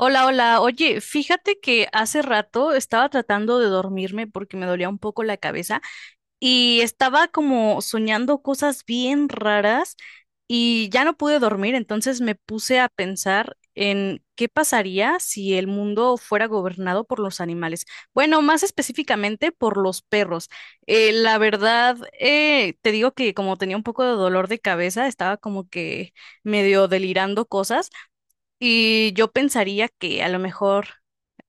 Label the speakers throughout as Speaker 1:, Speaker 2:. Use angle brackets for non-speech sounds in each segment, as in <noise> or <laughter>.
Speaker 1: Hola, hola. Oye, fíjate que hace rato estaba tratando de dormirme porque me dolía un poco la cabeza y estaba como soñando cosas bien raras y ya no pude dormir, entonces me puse a pensar en qué pasaría si el mundo fuera gobernado por los animales. Bueno, más específicamente por los perros. La verdad, te digo que como tenía un poco de dolor de cabeza, estaba como que medio delirando cosas. Y yo pensaría que a lo mejor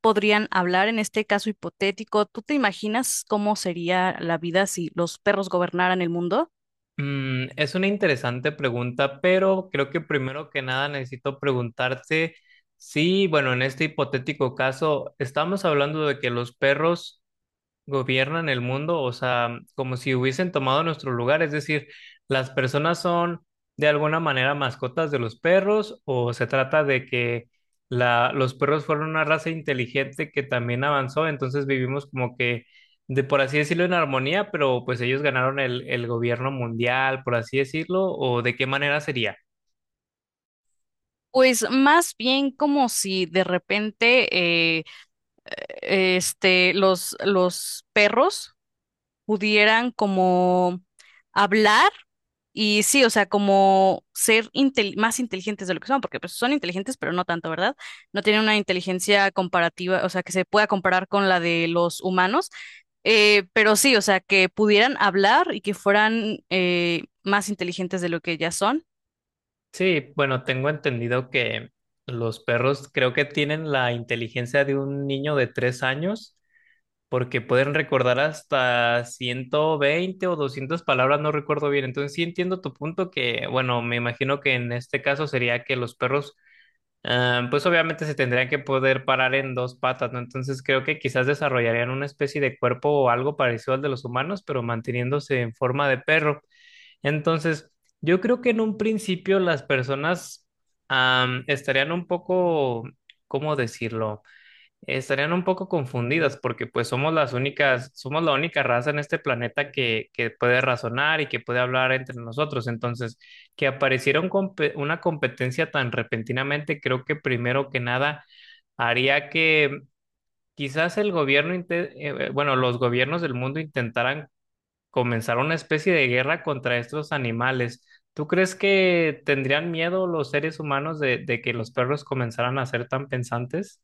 Speaker 1: podrían hablar en este caso hipotético. ¿Tú te imaginas cómo sería la vida si los perros gobernaran el mundo?
Speaker 2: Es una interesante pregunta, pero creo que primero que nada necesito preguntarte si, bueno, en este hipotético caso, estamos hablando de que los perros gobiernan el mundo, o sea, como si hubiesen tomado nuestro lugar, es decir, las personas son de alguna manera mascotas de los perros, o se trata de que los perros fueron una raza inteligente que también avanzó, entonces vivimos como que, de por así decirlo, en armonía, pero pues ellos ganaron el gobierno mundial, por así decirlo, o de qué manera sería.
Speaker 1: Pues más bien como si de repente este, los perros pudieran como hablar y sí, o sea, como ser más inteligentes de lo que son, porque pues son inteligentes, pero no tanto, ¿verdad? No tienen una inteligencia comparativa, o sea, que se pueda comparar con la de los humanos. Pero sí, o sea, que pudieran hablar y que fueran más inteligentes de lo que ya son.
Speaker 2: Sí, bueno, tengo entendido que los perros creo que tienen la inteligencia de un niño de 3 años, porque pueden recordar hasta 120 o 200 palabras, no recuerdo bien. Entonces sí entiendo tu punto que, bueno, me imagino que en este caso sería que los perros, ah, pues obviamente se tendrían que poder parar en dos patas, ¿no? Entonces creo que quizás desarrollarían una especie de cuerpo o algo parecido al de los humanos, pero manteniéndose en forma de perro. Entonces, yo creo que en un principio las personas, ah, estarían un poco, ¿cómo decirlo? Estarían un poco confundidas porque pues somos las únicas, somos la única raza en este planeta que puede razonar y que puede hablar entre nosotros. Entonces, que apareciera una competencia tan repentinamente, creo que primero que nada haría que quizás el gobierno, inte- bueno, los gobiernos del mundo intentaran comenzar una especie de guerra contra estos animales. ¿Tú crees que tendrían miedo los seres humanos de que los perros comenzaran a ser tan pensantes?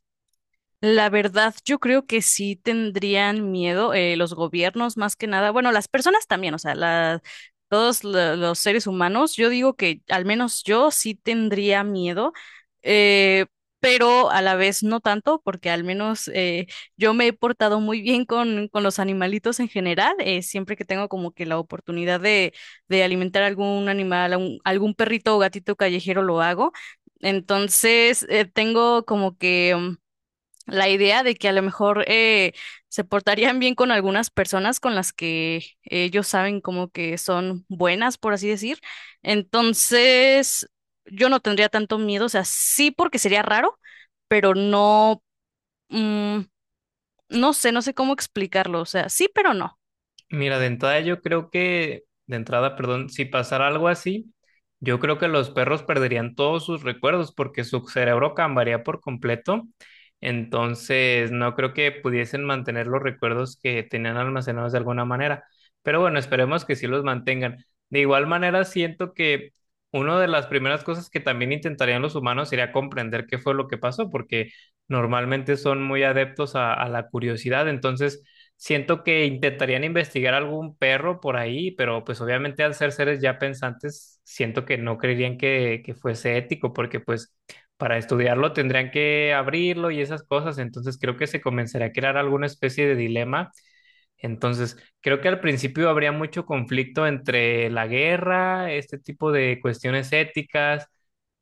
Speaker 1: La verdad, yo creo que sí tendrían miedo, los gobiernos más que nada. Bueno, las personas también, o sea, los seres humanos, yo digo que al menos yo sí tendría miedo, eh, pero a la vez no tanto, porque al menos yo me he portado muy bien con los animalitos en general. Siempre que tengo como que la oportunidad de alimentar algún animal, algún perrito o gatito callejero, lo hago. Entonces, tengo como que la idea de que a lo mejor se portarían bien con algunas personas con las que ellos saben como que son buenas, por así decir. Entonces, yo no tendría tanto miedo, o sea, sí porque sería raro, pero no, mm, no sé, no sé cómo explicarlo, o sea, sí, pero no.
Speaker 2: Mira, de entrada yo creo que, de entrada, perdón, si pasara algo así, yo creo que los perros perderían todos sus recuerdos porque su cerebro cambiaría por completo. Entonces, no creo que pudiesen mantener los recuerdos que tenían almacenados de alguna manera. Pero bueno, esperemos que sí los mantengan. De igual manera, siento que una de las primeras cosas que también intentarían los humanos sería comprender qué fue lo que pasó, porque normalmente son muy adeptos a la curiosidad. Entonces, siento que intentarían investigar algún perro por ahí, pero pues obviamente al ser seres ya pensantes, siento que no creerían que fuese ético, porque pues para estudiarlo tendrían que abrirlo y esas cosas. Entonces creo que se comenzaría a crear alguna especie de dilema. Entonces, creo que al principio habría mucho conflicto entre la guerra, este tipo de cuestiones éticas,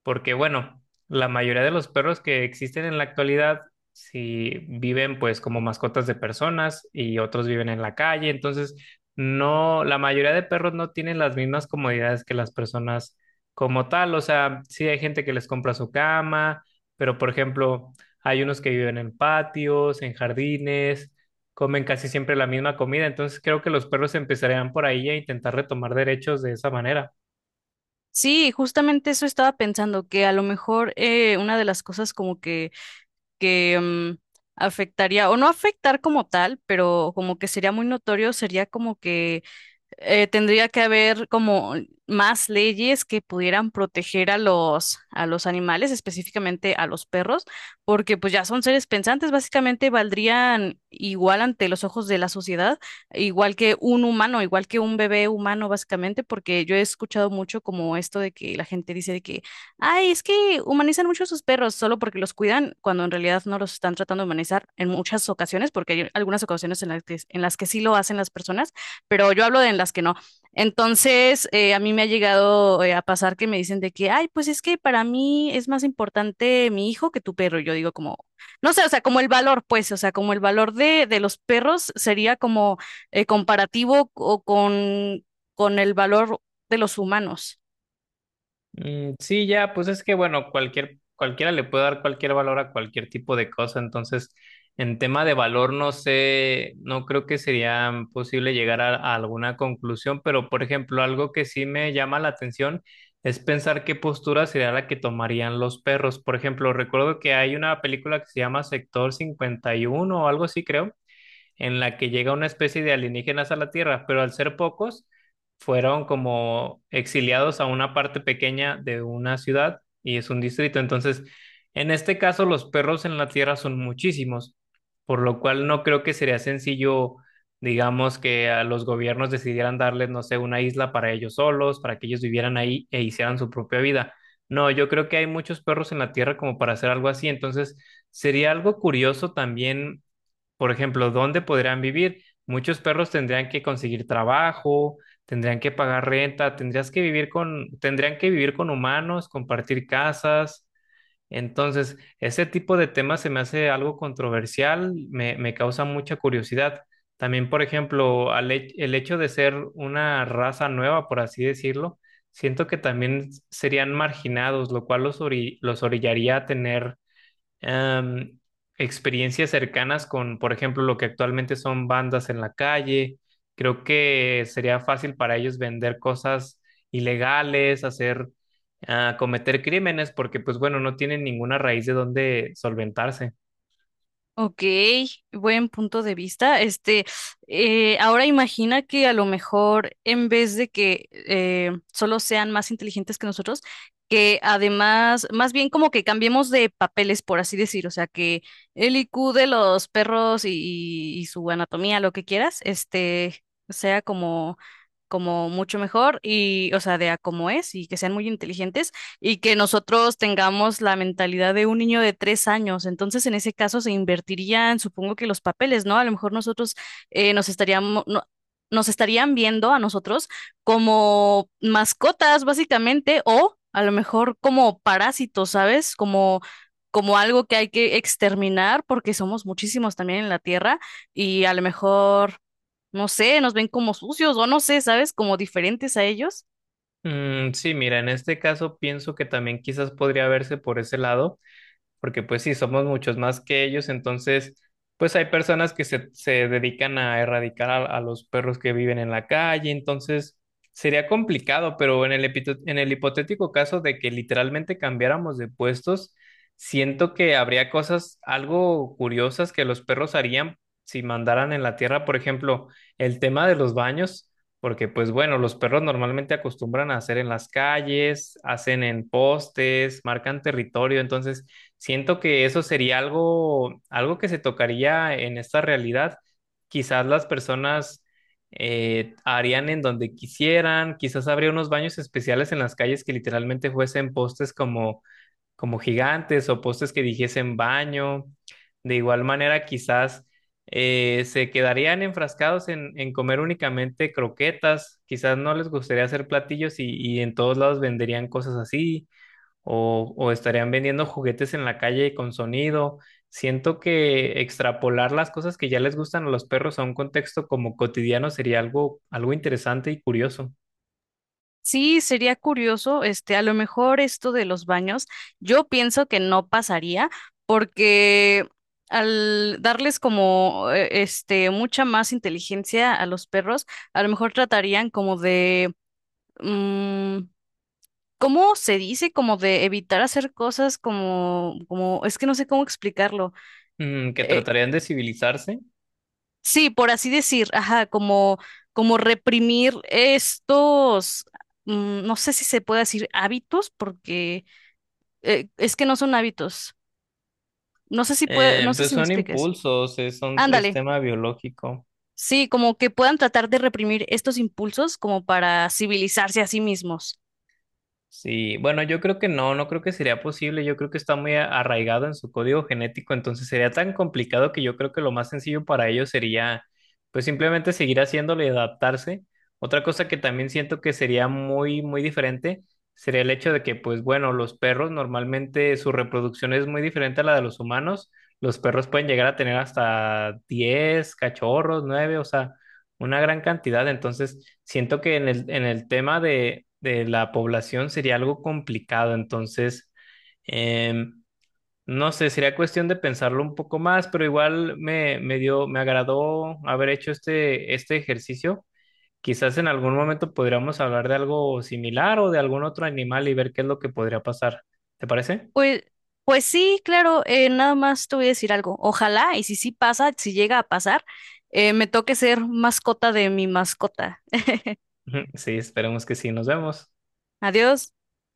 Speaker 2: porque bueno, la mayoría de los perros que existen en la actualidad, si viven pues como mascotas de personas y otros viven en la calle. Entonces no, la mayoría de perros no tienen las mismas comodidades que las personas como tal, o sea, sí hay gente que les compra su cama, pero por ejemplo, hay unos que viven en patios, en jardines, comen casi siempre la misma comida. Entonces creo que los perros empezarían por ahí a intentar retomar derechos de esa manera.
Speaker 1: Sí, justamente eso estaba pensando, que a lo mejor una de las cosas como que afectaría, o no afectar como tal, pero como que sería muy notorio, sería como que tendría que haber como más leyes que pudieran proteger a los animales, específicamente a los perros, porque pues ya son seres pensantes, básicamente valdrían igual ante los ojos de la sociedad, igual que un humano, igual que un bebé humano, básicamente, porque yo he escuchado mucho como esto de que la gente dice de que, ay, es que humanizan mucho a sus perros solo porque los cuidan, cuando en realidad no los están tratando de humanizar en muchas ocasiones, porque hay algunas ocasiones en las que sí lo hacen las personas, pero yo hablo de en las que no. Entonces, a mí me ha llegado a pasar que me dicen de que, ay, pues es que para mí es más importante mi hijo que tu perro. Y yo digo como, no sé, o sea, como el valor, pues, o sea, como el valor de los perros sería como comparativo o con el valor de los humanos.
Speaker 2: Mm, sí, ya, pues es que, bueno, cualquier, cualquiera le puede dar cualquier valor a cualquier tipo de cosa. Entonces, en tema de valor, no sé, no creo que sería posible llegar a alguna conclusión, pero por ejemplo, algo que sí me llama la atención es pensar qué postura sería la que tomarían los perros. Por ejemplo, recuerdo que hay una película que se llama Sector 51 o algo así, creo, en la que llega una especie de alienígenas a la Tierra, pero al ser pocos, fueron como exiliados a una parte pequeña de una ciudad y es un distrito. Entonces, en este caso, los perros en la Tierra son muchísimos, por lo cual no creo que sería sencillo, digamos, que a los gobiernos decidieran darles, no sé, una isla para ellos solos, para que ellos vivieran ahí e hicieran su propia vida. No, yo creo que hay muchos perros en la Tierra como para hacer algo así. Entonces, sería algo curioso también. Por ejemplo, ¿dónde podrían vivir? Muchos perros tendrían que conseguir trabajo, tendrían que pagar renta, tendrías que vivir con, tendrían que vivir con humanos, compartir casas. Entonces, ese tipo de temas se me hace algo controversial, me causa mucha curiosidad. También, por ejemplo, el hecho de ser una raza nueva, por así decirlo, siento que también serían marginados, lo cual los orillaría a tener em, experiencias cercanas con, por ejemplo, lo que actualmente son bandas en la calle. Creo que sería fácil para ellos vender cosas ilegales, cometer crímenes, porque pues bueno, no tienen ninguna raíz de donde solventarse.
Speaker 1: Ok, buen punto de vista. Este, ahora imagina que a lo mejor en vez de que solo sean más inteligentes que nosotros, que además, más bien como que cambiemos de papeles, por así decir, o sea, que el IQ de los perros y, y su anatomía, lo que quieras, este, sea como, como mucho mejor y, o sea, de a como es y que sean muy inteligentes y que nosotros tengamos la mentalidad de un niño de tres años. Entonces, en ese caso se invertirían, supongo que los papeles, ¿no? A lo mejor nosotros nos estaríamos, nos estarían viendo a nosotros como mascotas, básicamente, o a lo mejor como parásitos, ¿sabes? Como, como algo que hay que exterminar porque somos muchísimos también en la Tierra y a lo mejor, no sé, nos ven como sucios o no sé, ¿sabes? Como diferentes a ellos.
Speaker 2: Mm, sí, mira, en este caso pienso que también quizás podría verse por ese lado. Porque pues sí, somos muchos más que ellos. Entonces pues hay personas que se dedican a erradicar a los perros que viven en la calle. Entonces sería complicado, pero en el hipotético caso de que literalmente cambiáramos de puestos, siento que habría cosas algo curiosas que los perros harían si mandaran en la tierra, por ejemplo, el tema de los baños. Porque pues bueno, los perros normalmente acostumbran a hacer en las calles, hacen en postes, marcan territorio. Entonces siento que eso sería algo, algo que se tocaría en esta realidad. Quizás las personas harían en donde quisieran. Quizás habría unos baños especiales en las calles que literalmente fuesen postes como gigantes o postes que dijesen baño. De igual manera, quizás se quedarían enfrascados en comer únicamente croquetas. Quizás no les gustaría hacer platillos, y en todos lados venderían cosas así, o estarían vendiendo juguetes en la calle con sonido. Siento que extrapolar las cosas que ya les gustan a los perros a un contexto como cotidiano sería algo, algo interesante y curioso.
Speaker 1: Sí, sería curioso, este, a lo mejor esto de los baños, yo pienso que no pasaría porque al darles como este mucha más inteligencia a los perros, a lo mejor tratarían como de mm, ¿cómo se dice? Como de evitar hacer cosas como como es que no sé cómo explicarlo.
Speaker 2: Que
Speaker 1: Eh,
Speaker 2: tratarían de civilizarse.
Speaker 1: sí, por así decir, ajá, como como reprimir estos no sé si se puede decir hábitos, porque es que no son hábitos. No sé si puede, no sé
Speaker 2: Pues
Speaker 1: si me
Speaker 2: son
Speaker 1: expliques.
Speaker 2: impulsos, es
Speaker 1: Ándale.
Speaker 2: tema biológico.
Speaker 1: Sí, como que puedan tratar de reprimir estos impulsos como para civilizarse a sí mismos.
Speaker 2: Sí, bueno, yo creo que no, no creo que sería posible. Yo creo que está muy arraigado en su código genético. Entonces sería tan complicado que yo creo que lo más sencillo para ellos sería pues simplemente seguir haciéndolo y adaptarse. Otra cosa que también siento que sería muy, muy diferente sería el hecho de que pues bueno, los perros normalmente su reproducción es muy diferente a la de los humanos. Los perros pueden llegar a tener hasta 10 cachorros, 9, o sea, una gran cantidad. Entonces, siento que en el tema de la población sería algo complicado. Entonces, em, no sé, sería cuestión de pensarlo un poco más, pero igual me agradó haber hecho este ejercicio. Quizás en algún momento podríamos hablar de algo similar o de algún otro animal y ver qué es lo que podría pasar. ¿Te parece?
Speaker 1: Pues, pues sí, claro, nada más te voy a decir algo. Ojalá, y si sí pasa, si llega a pasar, me toque ser mascota de mi mascota.
Speaker 2: <laughs> Ujú, sí, esperemos que sí. Nos vemos.
Speaker 1: Adiós.